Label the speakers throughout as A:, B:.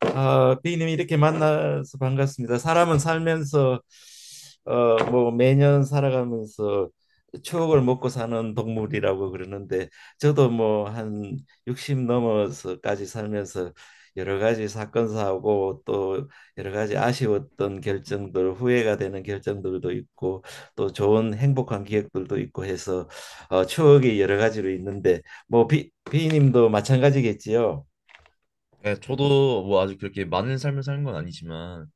A: 아, 비님 이렇게 만나서 반갑습니다. 사람은 살면서 매년 살아가면서 추억을 먹고 사는 동물이라고 그러는데 저도 뭐 한 60 넘어서까지 살면서 여러 가지 사건 사고 또 여러 가지 아쉬웠던 결정들 후회가 되는 결정들도 있고 또 좋은 행복한 기억들도 있고 해서 추억이 여러 가지로 있는데 뭐 비님도 마찬가지겠지요?
B: 네, 저도 뭐 아주 그렇게 많은 삶을 사는 건 아니지만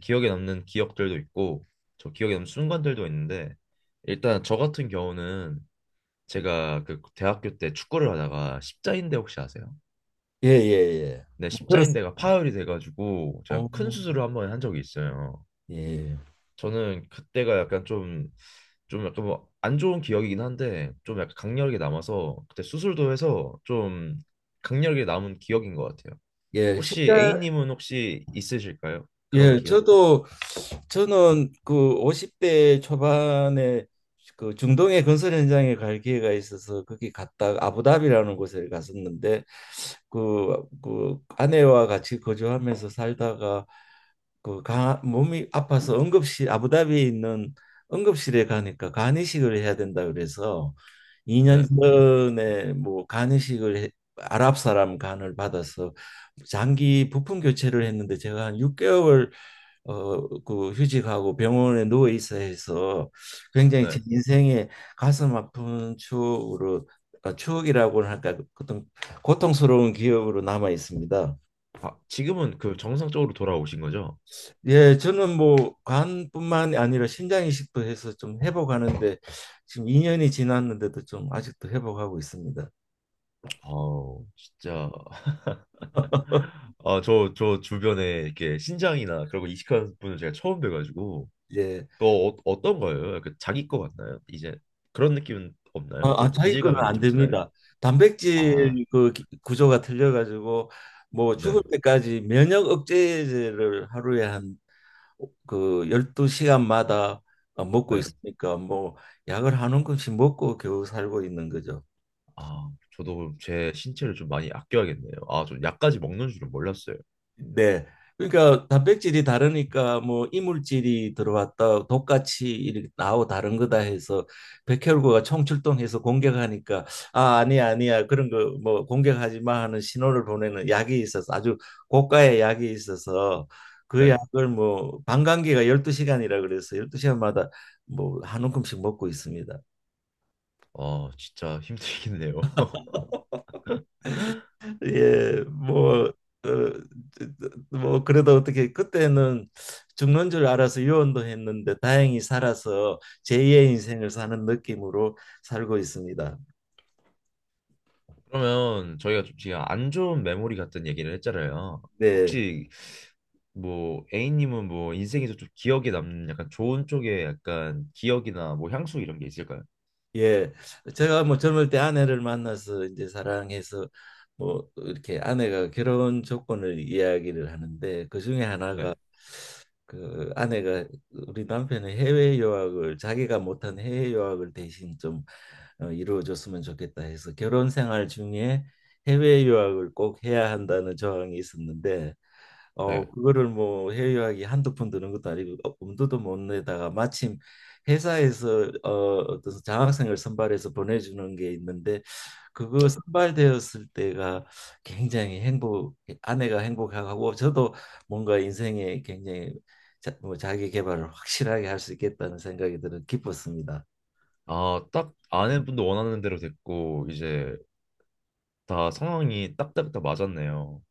B: 기억에 남는 기억들도 있고 저 기억에 남는 순간들도 있는데, 일단 저 같은 경우는 제가 그 대학교 때 축구를 하다가 십자인대 혹시 아세요?
A: 예 예, 예.
B: 네,
A: 뭐 그렇,
B: 십자인대가 파열이 돼가지고 제가
A: 어,
B: 큰 수술을 한 번 한 적이 있어요.
A: 예.
B: 저는 그때가 약간 좀 약간 뭐 안 좋은 기억이긴 한데 좀 약간 강렬하게 남아서 그때 수술도 해서 좀 강렬하게 남은 기억인 것 같아요.
A: 예,
B: 혹시
A: 실제,
B: A님은 혹시 있으실까요? 그런
A: 예,
B: 기억?
A: 저는 그 50대 초반에 그 중동의 건설 현장에 갈 기회가 있어서 거기 갔다 아부다비라는 곳에 갔었는데 그 아내와 같이 거주하면서 살다가 몸이 아파서 응급실 아부다비에 있는 응급실에 가니까 간이식을 해야 된다 그래서 2년
B: 네,
A: 전에 뭐 아랍 사람 간을 받아서 장기 부품 교체를 했는데 제가 한 6개월 그 휴직하고 병원에 누워 있어 해서 굉장히
B: 네.
A: 제 인생에 가슴 아픈 추억으로 추억이라고는 할까 어떤 고통스러운 기억으로 남아 있습니다.
B: 아, 지금은 그 정상적으로 돌아오신 거죠?
A: 예, 저는 뭐 간뿐만 아니라 신장 이식도 해서 좀 회복하는데 지금 2년이 지났는데도 좀 아직도 회복하고 있습니다.
B: 아우, 진짜. 아, 저 주변에 이렇게 신장이나 그런 거 이식하는 분을 제가 처음 뵈가지고,
A: 예.
B: 또 어떤 거예요? 약간 자기 거 같나요? 이제 그런 느낌은 없나요? 좀
A: 자기 거는
B: 이질감이
A: 안
B: 좀 드나요?
A: 됩니다.
B: 아,
A: 단백질 구조가 틀려 가지고 뭐 죽을
B: 네,
A: 때까지 면역 억제제를 하루에 한 그 12시간마다 먹고
B: 네.
A: 있으니까 뭐 약을 한 움큼씩 먹고 겨우 살고 있는 거죠.
B: 아, 저도 제 신체를 좀 많이 아껴야겠네요. 아, 저 약까지 먹는 줄은 몰랐어요.
A: 네. 그러니까 단백질이 다르니까 뭐 이물질이 들어왔다 독같이 이렇게 나오 다른 거다 해서 백혈구가 총출동해서 공격하니까 아 아니야, 아니야, 그런 거 뭐 공격하지 마 하는 신호를 보내는 약이 있어서 아주 고가의 약이 있어서 그
B: 네.
A: 약을 뭐 방광기가 12시간이라 그래서 12시간마다 뭐 한 움큼씩 먹고 있습니다.
B: 아, 진짜 힘들겠네요.
A: 예, 뭐, 어, 뭐 그래도 어떻게 그때는 죽는 줄 알아서 유언도 했는데 다행히 살아서 제2의 인생을 사는 느낌으로 살고 있습니다.
B: 그러면 저희가 좀 지금 안 좋은 메모리 같은 얘기를 했잖아요.
A: 네,
B: 혹시 뭐 A님은 뭐 인생에서 좀 기억에 남는 약간 좋은 쪽에 약간 기억이나 뭐 향수 이런 게 있을까요?
A: 예, 제가 뭐 젊을 때 아내를 만나서 이제 사랑해서 뭐 이렇게 아내가 결혼 조건을 이야기를 하는데 그 중에
B: 네,
A: 하나가 그 아내가 우리 남편의 해외 유학을 자기가 못한 해외 유학을 대신 좀 이루어줬으면 좋겠다 해서 결혼 생활 중에 해외 유학을 꼭 해야 한다는 조항이 있었는데
B: 네,
A: 그거를 뭐 해외여행이 한두 푼 드는 것도 아니고 엄두도 못 내다가 마침 회사에서 어떤 장학생을 선발해서 보내주는 게 있는데 그거
B: 네.
A: 선발되었을 때가 굉장히 행복, 아내가 행복하고 저도 뭔가 인생에 굉장히 자, 뭐 자기 개발을 확실하게 할 수 있겠다는 생각이 들어 기뻤습니다.
B: 아, 딱 아내분도 원하는 대로 됐고 이제 다 상황이 딱딱딱 맞았네요.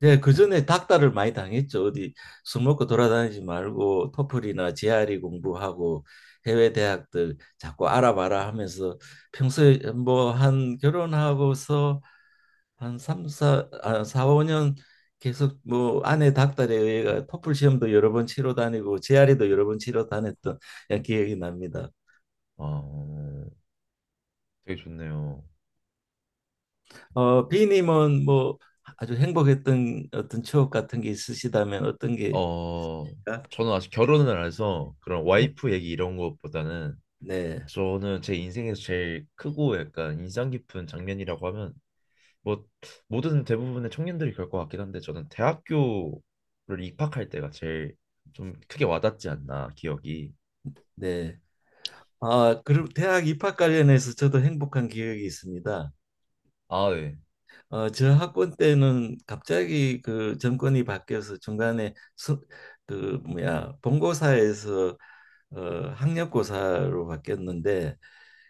A: 네, 그 전에 닥달을 많이 당했죠. 어디 술 먹고 돌아다니지 말고 토플이나 GRE 공부하고 해외 대학들 자꾸 알아봐라 하면서 평소에 뭐 한 결혼하고서 한 사 5년 계속 뭐 아내 닥달에 의해 토플 시험도 여러 번 치러 다니고 GRE도 여러 번 치러 다녔던 그냥 기억이 납니다.
B: 아, 되게 좋네요.
A: 비님은 뭐 아주 행복했던 어떤 추억 같은 게 있으시다면 어떤 게.
B: 어, 저는 아직 결혼을 안 해서 그런 와이프 얘기 이런 것보다는
A: 네,
B: 저는 제 인생에서 제일 크고 약간 인상 깊은 장면이라고 하면, 뭐 모든 대부분의 청년들이 그럴 것 같긴 한데 저는 대학교를 입학할 때가 제일 좀 크게 와닿지 않나 기억이.
A: 네. 아, 그리고 대학 입학 관련해서 저도 행복한 기억이 있습니다.
B: 아 네.
A: 저 학번 때는 갑자기 그 정권이 바뀌어서 중간에 그 뭐야 본고사에서 어, 학력고사로 바뀌었는데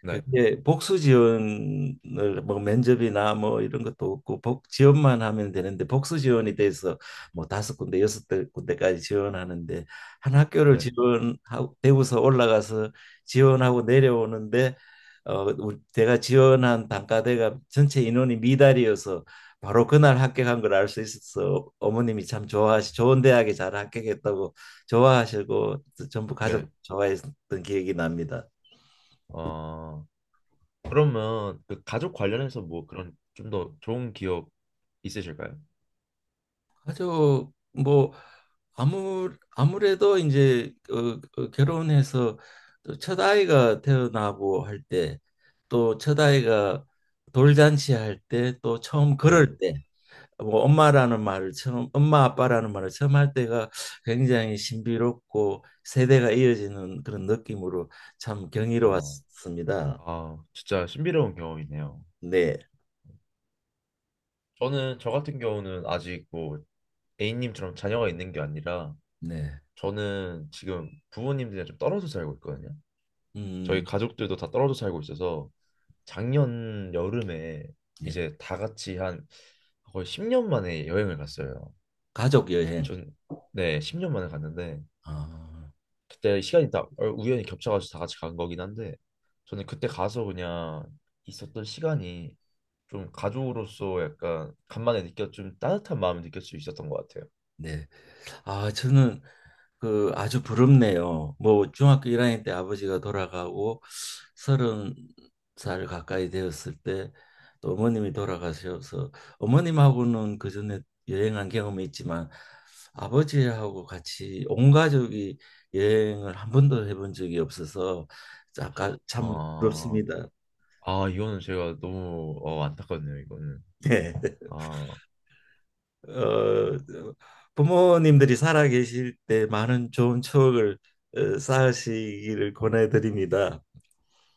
B: 네.
A: 그게 복수지원을 뭐 면접이나 뭐 이런 것도 없고 복 지원만 하면 되는데 복수지원이 돼서 뭐 다섯 군데 군데까지 지원하는데 한 학교를
B: 네.
A: 지원하고 대구서 올라가서 지원하고 내려오는데 우리 제가 지원한 단과대가 전체 인원이 미달이어서 바로 그날 합격한 걸 알 수 있어서 어머님이 참 좋아하시 좋은 대학에 잘 합격했다고 좋아하시고 전부 가족
B: 네.
A: 좋아했던 기억이 납니다.
B: 어 그러면 그 가족 관련해서 뭐 그런 좀 더 좋은 기억 있으실까요?
A: 아주 뭐 아무 아무래도 이제 결혼해서 또첫 아이가 태어나고 할 때 또 첫 아이가 돌잔치 할 때 또 처음
B: 네.
A: 걸을 때 뭐 엄마라는 말을 처음 엄마 아빠라는 말을 처음 할 때가 굉장히 신비롭고 세대가 이어지는 그런 느낌으로 참
B: 어.
A: 경이로웠습니다.
B: 아 진짜 신비로운 경험이네요.
A: 네,
B: 저는 저 같은 경우는 아직 뭐 A님처럼 자녀가 있는 게 아니라
A: 네,
B: 저는 지금 부모님들이랑 좀 떨어져 살고 있거든요. 저희
A: 음,
B: 가족들도 다 떨어져 살고 있어서 작년 여름에
A: 네,
B: 이제 다 같이 한 거의 10년 만에 여행을 갔어요.
A: 가족 여행.
B: 전, 네, 10년 만에 갔는데
A: 아,
B: 그때 시간이 다 어, 우연히 겹쳐가지고 다 같이 간 거긴 한데 저는 그때 가서 그냥 있었던 시간이 좀 가족으로서 약간 간만에 느꼈 좀 따뜻한 마음을 느낄 수 있었던 것 같아요.
A: 네. 아, 저는 그 아주 부럽네요. 뭐 중학교 1학년 때 아버지가 돌아가고 서른 살 가까이 되었을 때 또 어머님이 돌아가셔서 어머님하고는 그 전에 여행한 경험이 있지만 아버지하고 같이 온 가족이 여행을 한 번도 해본 적이 없어서 아까 참
B: 아,
A: 부럽습니다.
B: 아 이거는 제가 너무 안타깝네요, 이거는. 아.
A: 네. 부모님들이 살아 계실 때 많은 좋은 추억을 쌓으시기를 권해드립니다.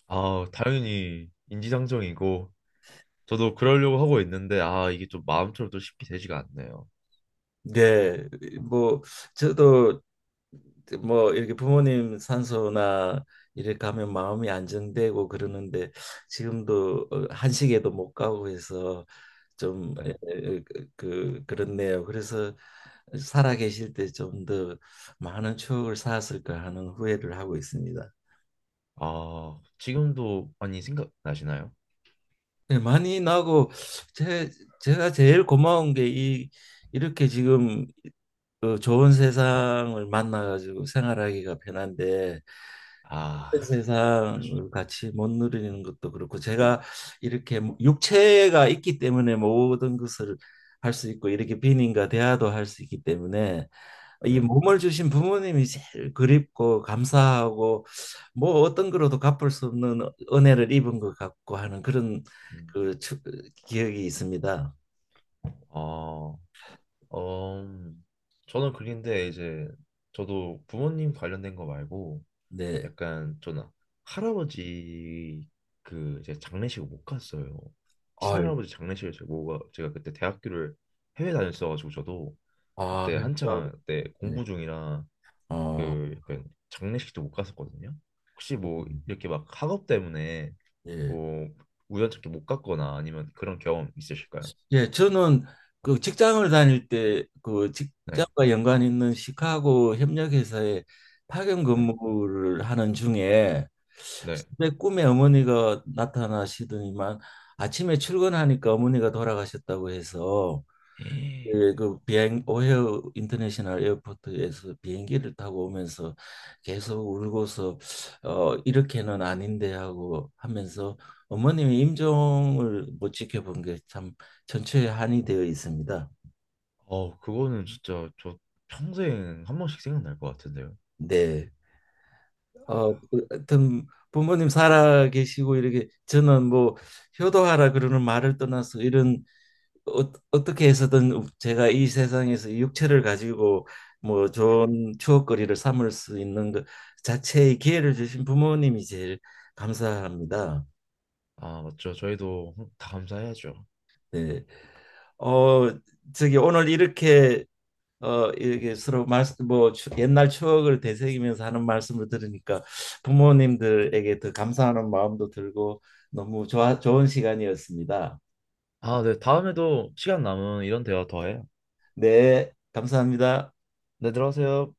B: 아, 당연히 인지상정이고 저도 그러려고 하고 있는데 아, 이게 좀 마음처럼 또 쉽게 되지가 않네요.
A: 네, 뭐 저도 뭐 이렇게 부모님 산소나 이렇게 가면 마음이 안정되고 그러는데 지금도 한식에도 못 가고 해서 좀
B: 네.
A: 그렇네요. 그래서 살아 계실 때 좀 더 많은 추억을 쌓았을까 하는 후회를 하고 있습니다.
B: 아, 지금도 많이 생각나시나요?
A: 네, 많이 나고 제 제가 제일 고마운 게 이 이렇게 지금 그 좋은 세상을 만나가지고 생활하기가 편한데
B: 아,
A: 세상을 같이 못 누리는 것도 그렇고 제가 이렇게 뭐 육체가 있기 때문에 모든 것을 할 수 있고 이렇게 비님과 대화도 할 수 있기 때문에 이
B: 네.
A: 몸을 주신 부모님이 제일 그립고 감사하고 뭐 어떤 거로도 갚을 수 없는 은혜를 입은 것 같고 하는 그런
B: 음,
A: 그 추- 기억이 있습니다.
B: 어, 음, 저는 그런데 이제 저도 부모님 관련된 거 말고
A: 네.
B: 약간 저는 할아버지 그 이제 장례식을 못 갔어요.
A: 아유,
B: 친할아버지 장례식을 제가 뭐가 제가 그때 대학교를 해외 다녔어가지고 저도
A: 아,
B: 그때 한창 때
A: 네.
B: 공부 중이라
A: 어,
B: 그 약간 장례식도 못 갔었거든요. 혹시 뭐
A: 음.
B: 이렇게 막 학업 때문에
A: 예.
B: 뭐 우연찮게 못 갔거나 아니면 그런 경험 있으실까요?
A: 예, 저는 그 직장을 다닐 때 그
B: 네,
A: 직장과 연관 있는 시카고 협력회사에 파견
B: 네,
A: 근무를 하는 중에
B: 네.
A: 내 꿈에 어머니가 나타나시더니만 아침에 출근하니까 어머니가 돌아가셨다고 해서
B: 에이,
A: 예, 그 비행 오헤어 인터내셔널 에어포트에서 비행기를 타고 오면서 계속 울고서 이렇게는 아닌데 하고 하면서 어머님이 임종을 못 지켜본 게 참 전체에 한이 되어 있습니다.
B: 어, 그거는 진짜 저 평생 한 번씩 생각날 것 같은데요.
A: 네. 하여튼 부모님 살아 계시고 이렇게 저는 뭐 효도하라 그러는 말을 떠나서 이런 어떻게 해서든 제가 이 세상에서 이 육체를 가지고 뭐 좋은 추억거리를 삼을 수 있는 것 자체의 기회를 주신 부모님이 제일 감사합니다.
B: 아, 맞죠. 저희도 다 감사해야죠.
A: 네. 어, 저기 오늘 이렇게 이렇게 서로 말씀 옛날 추억을 되새기면서 하는 말씀을 들으니까 부모님들에게 더 감사하는 마음도 들고 너무 좋은 시간이었습니다.
B: 아, 네. 다음에도 시간 남은 이런 대화 더 해요.
A: 네, 감사합니다.
B: 네, 들어가세요.